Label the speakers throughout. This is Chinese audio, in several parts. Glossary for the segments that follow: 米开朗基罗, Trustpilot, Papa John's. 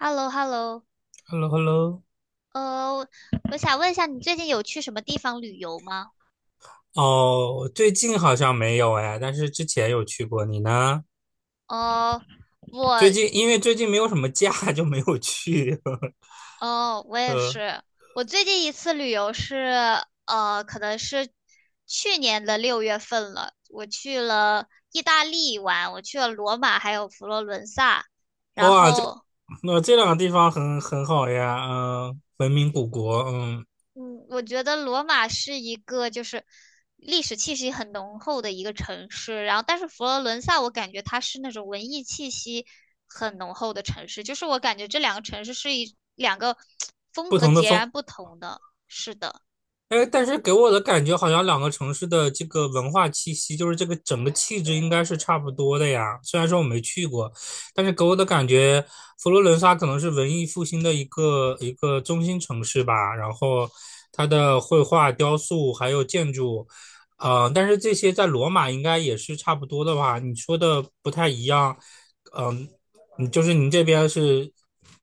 Speaker 1: h e l l o h e l l o
Speaker 2: h e l l o h e l l o
Speaker 1: 呃，我想问一下，你最近有去什么地方旅游吗？
Speaker 2: 哦，最近好像没有哎，但是之前有去过。你呢？
Speaker 1: 哦，我，
Speaker 2: 最近因为最近没有什么假，就没有去。
Speaker 1: 哦，我也
Speaker 2: 呃
Speaker 1: 是，我最近一次旅游是，可能是去年的六月份了，我去了意大利玩，我去了罗马还有佛罗伦萨，然
Speaker 2: 哇，这
Speaker 1: 后
Speaker 2: 这两个地方很好呀，嗯、文明古国，嗯，
Speaker 1: 嗯，我觉得罗马是一个就是历史气息很浓厚的一个城市，然后但是佛罗伦萨我感觉它是那种文艺气息很浓厚的城市，就是我感觉这两个城市是一两个 风
Speaker 2: 不
Speaker 1: 格
Speaker 2: 同的
Speaker 1: 截
Speaker 2: 风
Speaker 1: 然不同的。是的。
Speaker 2: 哎，但是给我的感觉好像两个城市的这个文化气息，就是这个整个气质应该是差不多的呀。虽然说我没去过，但是给我的感觉，佛罗伦萨可能是文艺复兴的一个中心城市吧。然后它的绘画、雕塑还有建筑，但是这些在罗马应该也是差不多的吧？你说的不太一样，呃嗯、你就是您这边是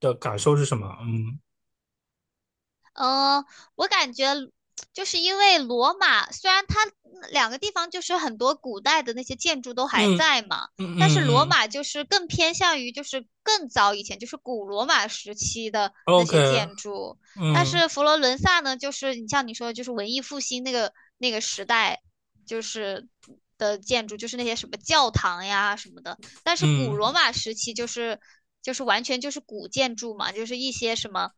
Speaker 2: 的感受是什么？嗯
Speaker 1: 嗯，我感觉就是因为罗马，虽然它两个地方就是很多古代的那些建筑都还
Speaker 2: 嗯
Speaker 1: 在嘛，
Speaker 2: 嗯嗯
Speaker 1: 但是罗
Speaker 2: 嗯
Speaker 1: 马就是更偏向于就是更早以前，就是古罗马时期的那
Speaker 2: ，OK，
Speaker 1: 些建筑。但
Speaker 2: 嗯。
Speaker 1: 是佛罗伦萨呢，就是你像你说的，就是文艺复兴那个时代，就是的建筑，就是那些什么教堂呀什么的，但是古
Speaker 2: 嗯，
Speaker 1: 罗马时期就是就是完全就是古建筑嘛，就是一些什么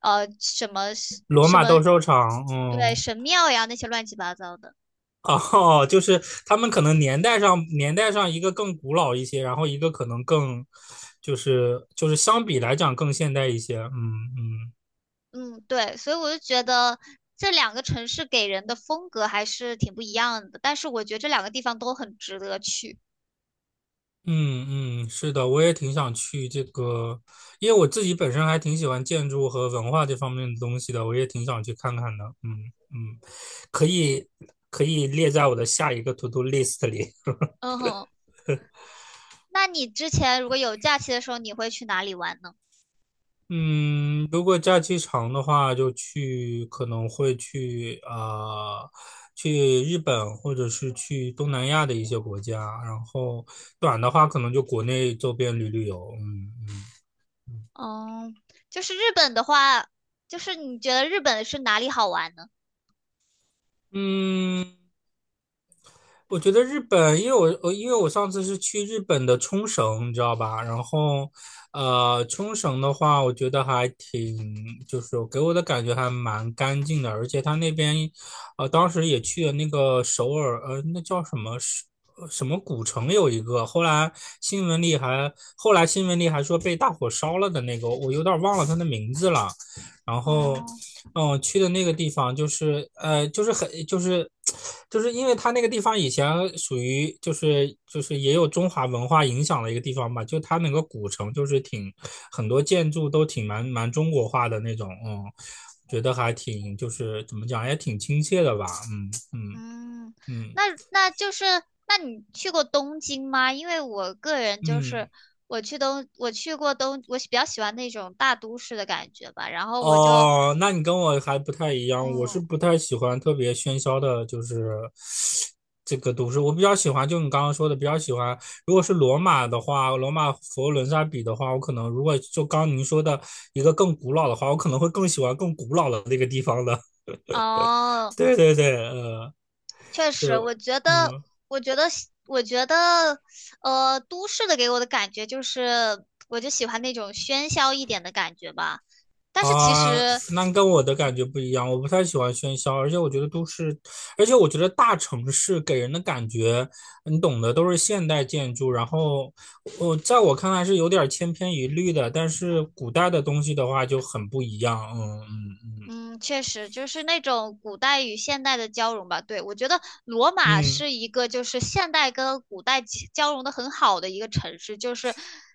Speaker 1: 什么
Speaker 2: 罗
Speaker 1: 什
Speaker 2: 马
Speaker 1: 么
Speaker 2: 斗兽场，
Speaker 1: 对
Speaker 2: 嗯，
Speaker 1: 神庙呀那些乱七八糟的。
Speaker 2: 哦，就是他们可能年代上一个更古老一些，然后一个可能就是相比来讲更现代一些，嗯嗯
Speaker 1: 嗯，对，所以我就觉得这两个城市给人的风格还是挺不一样的，但是我觉得这两个地方都很值得去。
Speaker 2: 嗯嗯，是的，我也挺想去这个，因为我自己本身还挺喜欢建筑和文化这方面的东西的，我也挺想去看看的，嗯嗯，可以可以列在我的下一个 to do list 里。
Speaker 1: 嗯哼，那你之前如果有假期的时候，你会去哪里玩呢？
Speaker 2: 嗯，如果假期长的话，可能会去呃去日本或者是去东南亚的一些国家。然后短的话，可能就国内周边旅游。嗯嗯。
Speaker 1: 嗯，就是日本的话，就是你觉得日本是哪里好玩呢？
Speaker 2: 嗯我觉得日本，因为我上次是去日本的冲绳，你知道吧？然后，冲绳的话，我觉得还挺，就是给我的感觉还蛮干净的，而且他那边，当时也去了那个首尔，那叫什么是什么古城有一个，后来新闻里还说被大火烧了的那个，我有点忘了它的名字了。然后
Speaker 1: 哦。
Speaker 2: 嗯，我去的那个地方就是就是就是因为它那个地方以前属于就是也有中华文化影响的一个地方吧，就它那个古城就是很多建筑都挺蛮中国化的那种，嗯，觉得还挺就是怎么讲也挺亲切的吧，嗯嗯
Speaker 1: 嗯，
Speaker 2: 嗯
Speaker 1: 那那就是，那你去过东京吗？因为我个人就是，
Speaker 2: 嗯
Speaker 1: 我去东，我去过东，我比较喜欢那种大都市的感觉吧。然后我就，
Speaker 2: 哦，那你跟我还不太一样，我是
Speaker 1: 嗯，
Speaker 2: 不太喜欢特别喧嚣的，就是这个都市。我比较喜欢，就你刚刚说的，比较喜欢。如果是罗马的话，罗马佛罗伦萨比的话，我可能如果就刚您说的一个更古老的话，我可能会更喜欢更古老的那个地方的。
Speaker 1: 哦，
Speaker 2: 对对对，
Speaker 1: 确实，
Speaker 2: 就
Speaker 1: 我觉得，
Speaker 2: 嗯。
Speaker 1: 我觉得喜我觉得，都市的给我的感觉就是，我就喜欢那种喧嚣一点的感觉吧。但是其
Speaker 2: 啊，
Speaker 1: 实。
Speaker 2: 那跟我的感觉不一样，我不太喜欢喧嚣，而且我觉得大城市给人的感觉，你懂的，都是现代建筑，然后我看来是有点千篇一律的，但是古代的东西的话就很不一样，嗯嗯
Speaker 1: 嗯，确实就是那种古代与现代的交融吧。对，我觉得罗马
Speaker 2: 嗯嗯，
Speaker 1: 是一个就是现代跟古代其交融的很好的一个城市，就是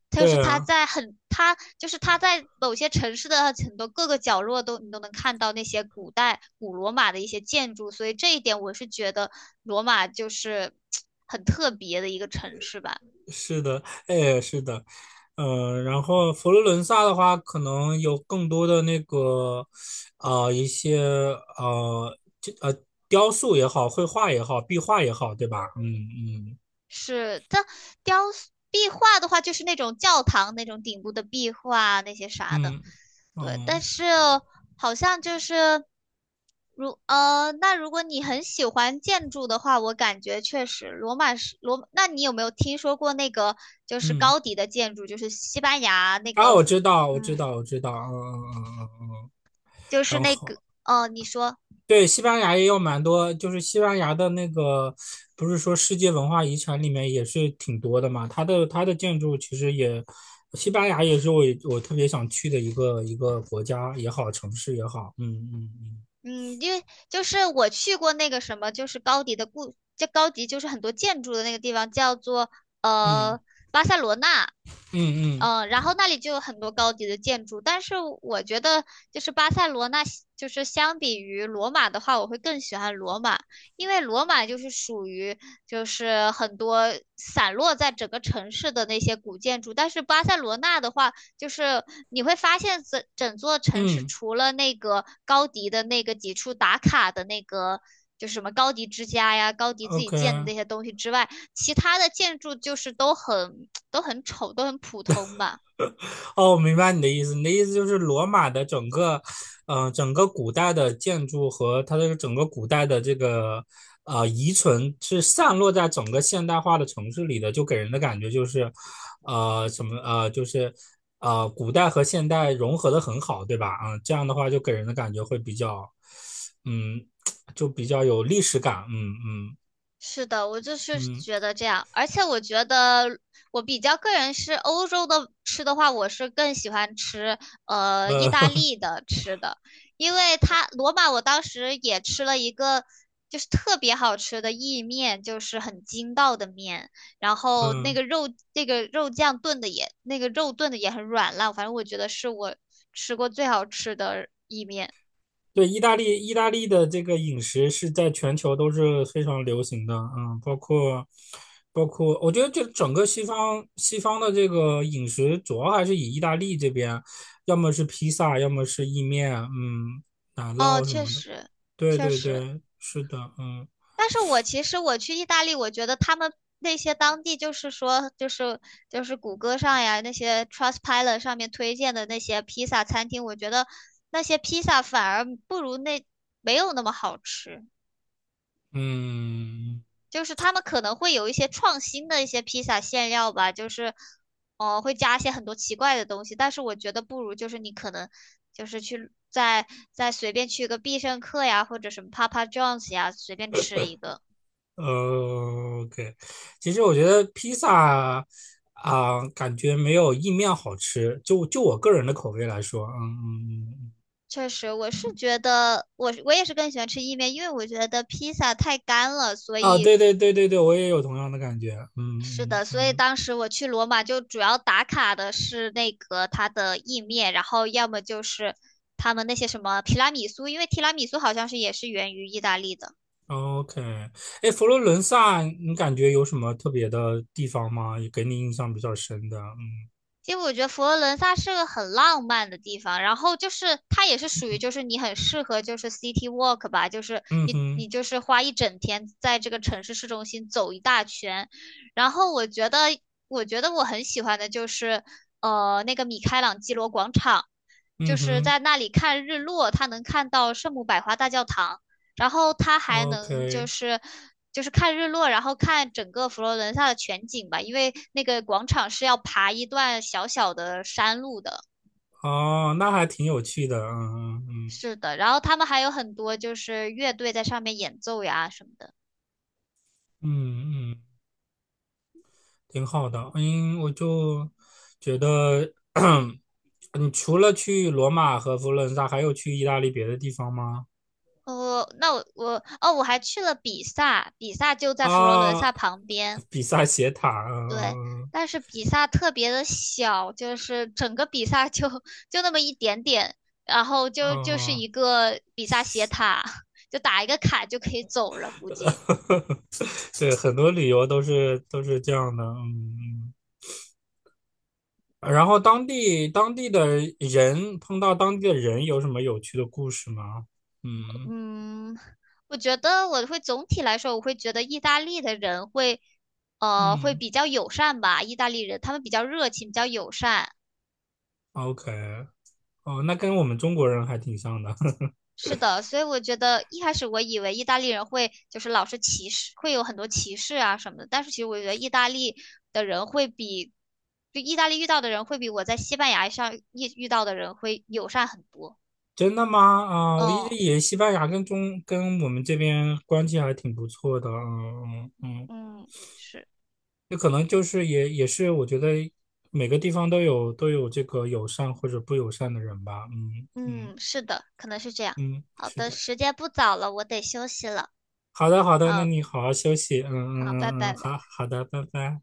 Speaker 1: 就是
Speaker 2: 对
Speaker 1: 它
Speaker 2: 啊。
Speaker 1: 在很它就是它在某些城市的很多各个角落都你都能看到那些古代古罗马的一些建筑，所以这一点我是觉得罗马就是很特别的一个城市吧。
Speaker 2: 是的，哎，是的，嗯，然后佛罗伦萨的话，可能有更多的那个，一些呃，这呃，雕塑也好，绘画也好，壁画也好，对吧？嗯
Speaker 1: 是，它雕塑壁画的话就是那种教堂那种顶部的壁画啊那些啥的。
Speaker 2: 嗯嗯
Speaker 1: 对，但
Speaker 2: 嗯
Speaker 1: 是好像就是如那如果你很喜欢建筑的话，我感觉确实罗马是罗，那你有没有听说过那个就是
Speaker 2: 嗯，
Speaker 1: 高迪的建筑，就是西班牙那
Speaker 2: 啊，
Speaker 1: 个，
Speaker 2: 我知道，我知
Speaker 1: 嗯，
Speaker 2: 道，我知道，嗯嗯嗯嗯嗯，
Speaker 1: 就是
Speaker 2: 然
Speaker 1: 那
Speaker 2: 后
Speaker 1: 个哦，你说，
Speaker 2: 对，西班牙也有蛮多，就是西班牙的那个，不是说世界文化遗产里面也是挺多的嘛。它的建筑其实也，西班牙也是我特别想去的一个国家也好，城市也好。嗯嗯
Speaker 1: 嗯，因为就是我去过那个什么，就是高迪的故，这高迪就是很多建筑的那个地方叫做
Speaker 2: 嗯
Speaker 1: 呃巴塞罗那。
Speaker 2: 嗯嗯
Speaker 1: 嗯，然后那里就有很多高级的建筑，但是我觉得就是巴塞罗那，就是相比于罗马的话，我会更喜欢罗马，因为罗马就是属于就是很多散落在整个城市的那些古建筑，但是巴塞罗那的话，就是你会发现整整座城市
Speaker 2: 嗯嗯
Speaker 1: 除了那个高迪的那个几处打卡的那个。就是什么高迪之家呀，高迪自己建的
Speaker 2: ，OK。
Speaker 1: 那些东西之外，其他的建筑就是都很都很丑，都很普通吧。
Speaker 2: 哦，我明白你的意思。你的意思就是罗马的整个，整个古代的建筑和它的整个古代的这个遗存是散落在整个现代化的城市里的，就给人的感觉就是，就是古代和现代融合的很好，对吧？嗯，这样的话就给人的感觉会比较，嗯，就比较有历史感。嗯
Speaker 1: 是的，我就是
Speaker 2: 嗯
Speaker 1: 觉得这样，而且我觉得我比较个人是欧洲的吃的话，我是更喜欢吃意
Speaker 2: 嗯
Speaker 1: 大利的吃的，因为它罗马我当时也吃了一个就是特别好吃的意面，就是很筋道的面，然 后那
Speaker 2: 嗯。
Speaker 1: 个肉那个肉酱炖的也那个肉炖的也很软烂，反正我觉得是我吃过最好吃的意面。
Speaker 2: 对，意大利，意大利的这个饮食是在全球都是非常流行的，嗯，包括，我觉得这整个西方的这个饮食主要还是以意大利这边，要么是披萨，要么是意面，嗯，奶
Speaker 1: 哦，
Speaker 2: 酪什
Speaker 1: 确
Speaker 2: 么的。
Speaker 1: 实，
Speaker 2: 对
Speaker 1: 确
Speaker 2: 对
Speaker 1: 实。
Speaker 2: 对，是的，嗯
Speaker 1: 但是我其实我去意大利，我觉得他们那些当地就是说，就是就是谷歌上呀，那些 Trustpilot 上面推荐的那些披萨餐厅，我觉得那些披萨反而不如那没有那么好吃。
Speaker 2: 嗯，
Speaker 1: 就是他们可能会有一些创新的一些披萨馅料吧，就是会加一些很多奇怪的东西，但是我觉得不如就是你可能就是去再再随便去个必胜客呀，或者什么 Papa John's 呀，随便吃一个。
Speaker 2: OK，其实我觉得披萨啊，感觉没有意面好吃，就我个人的口味来说，嗯嗯嗯。嗯
Speaker 1: 确实，我是觉得我我也是更喜欢吃意面，因为我觉得披萨太干了，所
Speaker 2: 啊，
Speaker 1: 以
Speaker 2: 对对对对对，我也有同样的感觉。
Speaker 1: 是
Speaker 2: 嗯
Speaker 1: 的，所以
Speaker 2: 嗯
Speaker 1: 当时我去罗马就主要打卡的是那个它的意面，然后要么就是他们那些什么提拉米苏，因为提拉米苏好像是也是源于意大利的。
Speaker 2: 嗯，OK。哎，佛罗伦萨，你感觉有什么特别的地方吗？也给你印象比较深的？嗯
Speaker 1: 其实我觉得佛罗伦萨是个很浪漫的地方，然后就是它也是属于就
Speaker 2: 嗯
Speaker 1: 是你很适合就是 city walk 吧，就是
Speaker 2: 嗯
Speaker 1: 你
Speaker 2: 哼
Speaker 1: 你就是花一整天在这个城市市中心走一大圈，然后我觉得我觉得我很喜欢的就是那个米开朗基罗广场。就
Speaker 2: 嗯
Speaker 1: 是
Speaker 2: 哼
Speaker 1: 在那里看日落，他能看到圣母百花大教堂，然后他还能就
Speaker 2: ，OK。
Speaker 1: 是就是看日落，然后看整个佛罗伦萨的全景吧，因为那个广场是要爬一段小小的山路的。
Speaker 2: 哦，那还挺有趣的。嗯嗯
Speaker 1: 是的，然后他们还有很多就是乐队在上面演奏呀什么的。
Speaker 2: 嗯嗯嗯，挺好的。嗯，我就觉得，你除了去罗马和佛罗伦萨，还有去意大利别的地方吗？
Speaker 1: 哦，那我我哦，我还去了比萨，比萨就在佛罗伦
Speaker 2: 啊，
Speaker 1: 萨旁边。
Speaker 2: 比萨斜塔。
Speaker 1: 对，
Speaker 2: 嗯嗯
Speaker 1: 但是比萨特别的小，就是整个比萨就 就那么一点点，然后就就是
Speaker 2: 嗯。
Speaker 1: 一
Speaker 2: 嗯
Speaker 1: 个比萨斜塔，就打一个卡就可以走了，估计。
Speaker 2: 对，很多旅游都是这样的，嗯。嗯然后当地的人碰到当地的人有什么有趣的故事吗？嗯
Speaker 1: 嗯，我觉得我会总体来说，我会觉得意大利的人会，会
Speaker 2: 嗯
Speaker 1: 比较友善吧，意大利人他们比较热情，比较友善。
Speaker 2: ，OK，哦，那跟我们中国人还挺像的，
Speaker 1: 是的，所以我觉得一开始我以为意大利人会就是老是歧视，会有很多歧视啊什么的，但是其实我觉得意大利的人会比，就意大利遇到的人会比我在西班牙上遇遇到的人会友善很多。
Speaker 2: 真的吗？啊、我一直
Speaker 1: 哦，
Speaker 2: 以为西班牙跟我们这边关系还挺不错的，嗯嗯嗯，
Speaker 1: 嗯，是，
Speaker 2: 那可能就是也是我觉得每个地方都有这个友善或者不友善的人吧，嗯嗯
Speaker 1: 嗯，是的，可能是这样。
Speaker 2: 嗯，
Speaker 1: 好
Speaker 2: 是
Speaker 1: 的，
Speaker 2: 的。
Speaker 1: 时间不早了，我得休息了。
Speaker 2: 好的，好的，那
Speaker 1: 啊，
Speaker 2: 你好好休息。嗯
Speaker 1: 好，拜
Speaker 2: 嗯嗯嗯，嗯
Speaker 1: 拜。
Speaker 2: 好好的，拜拜。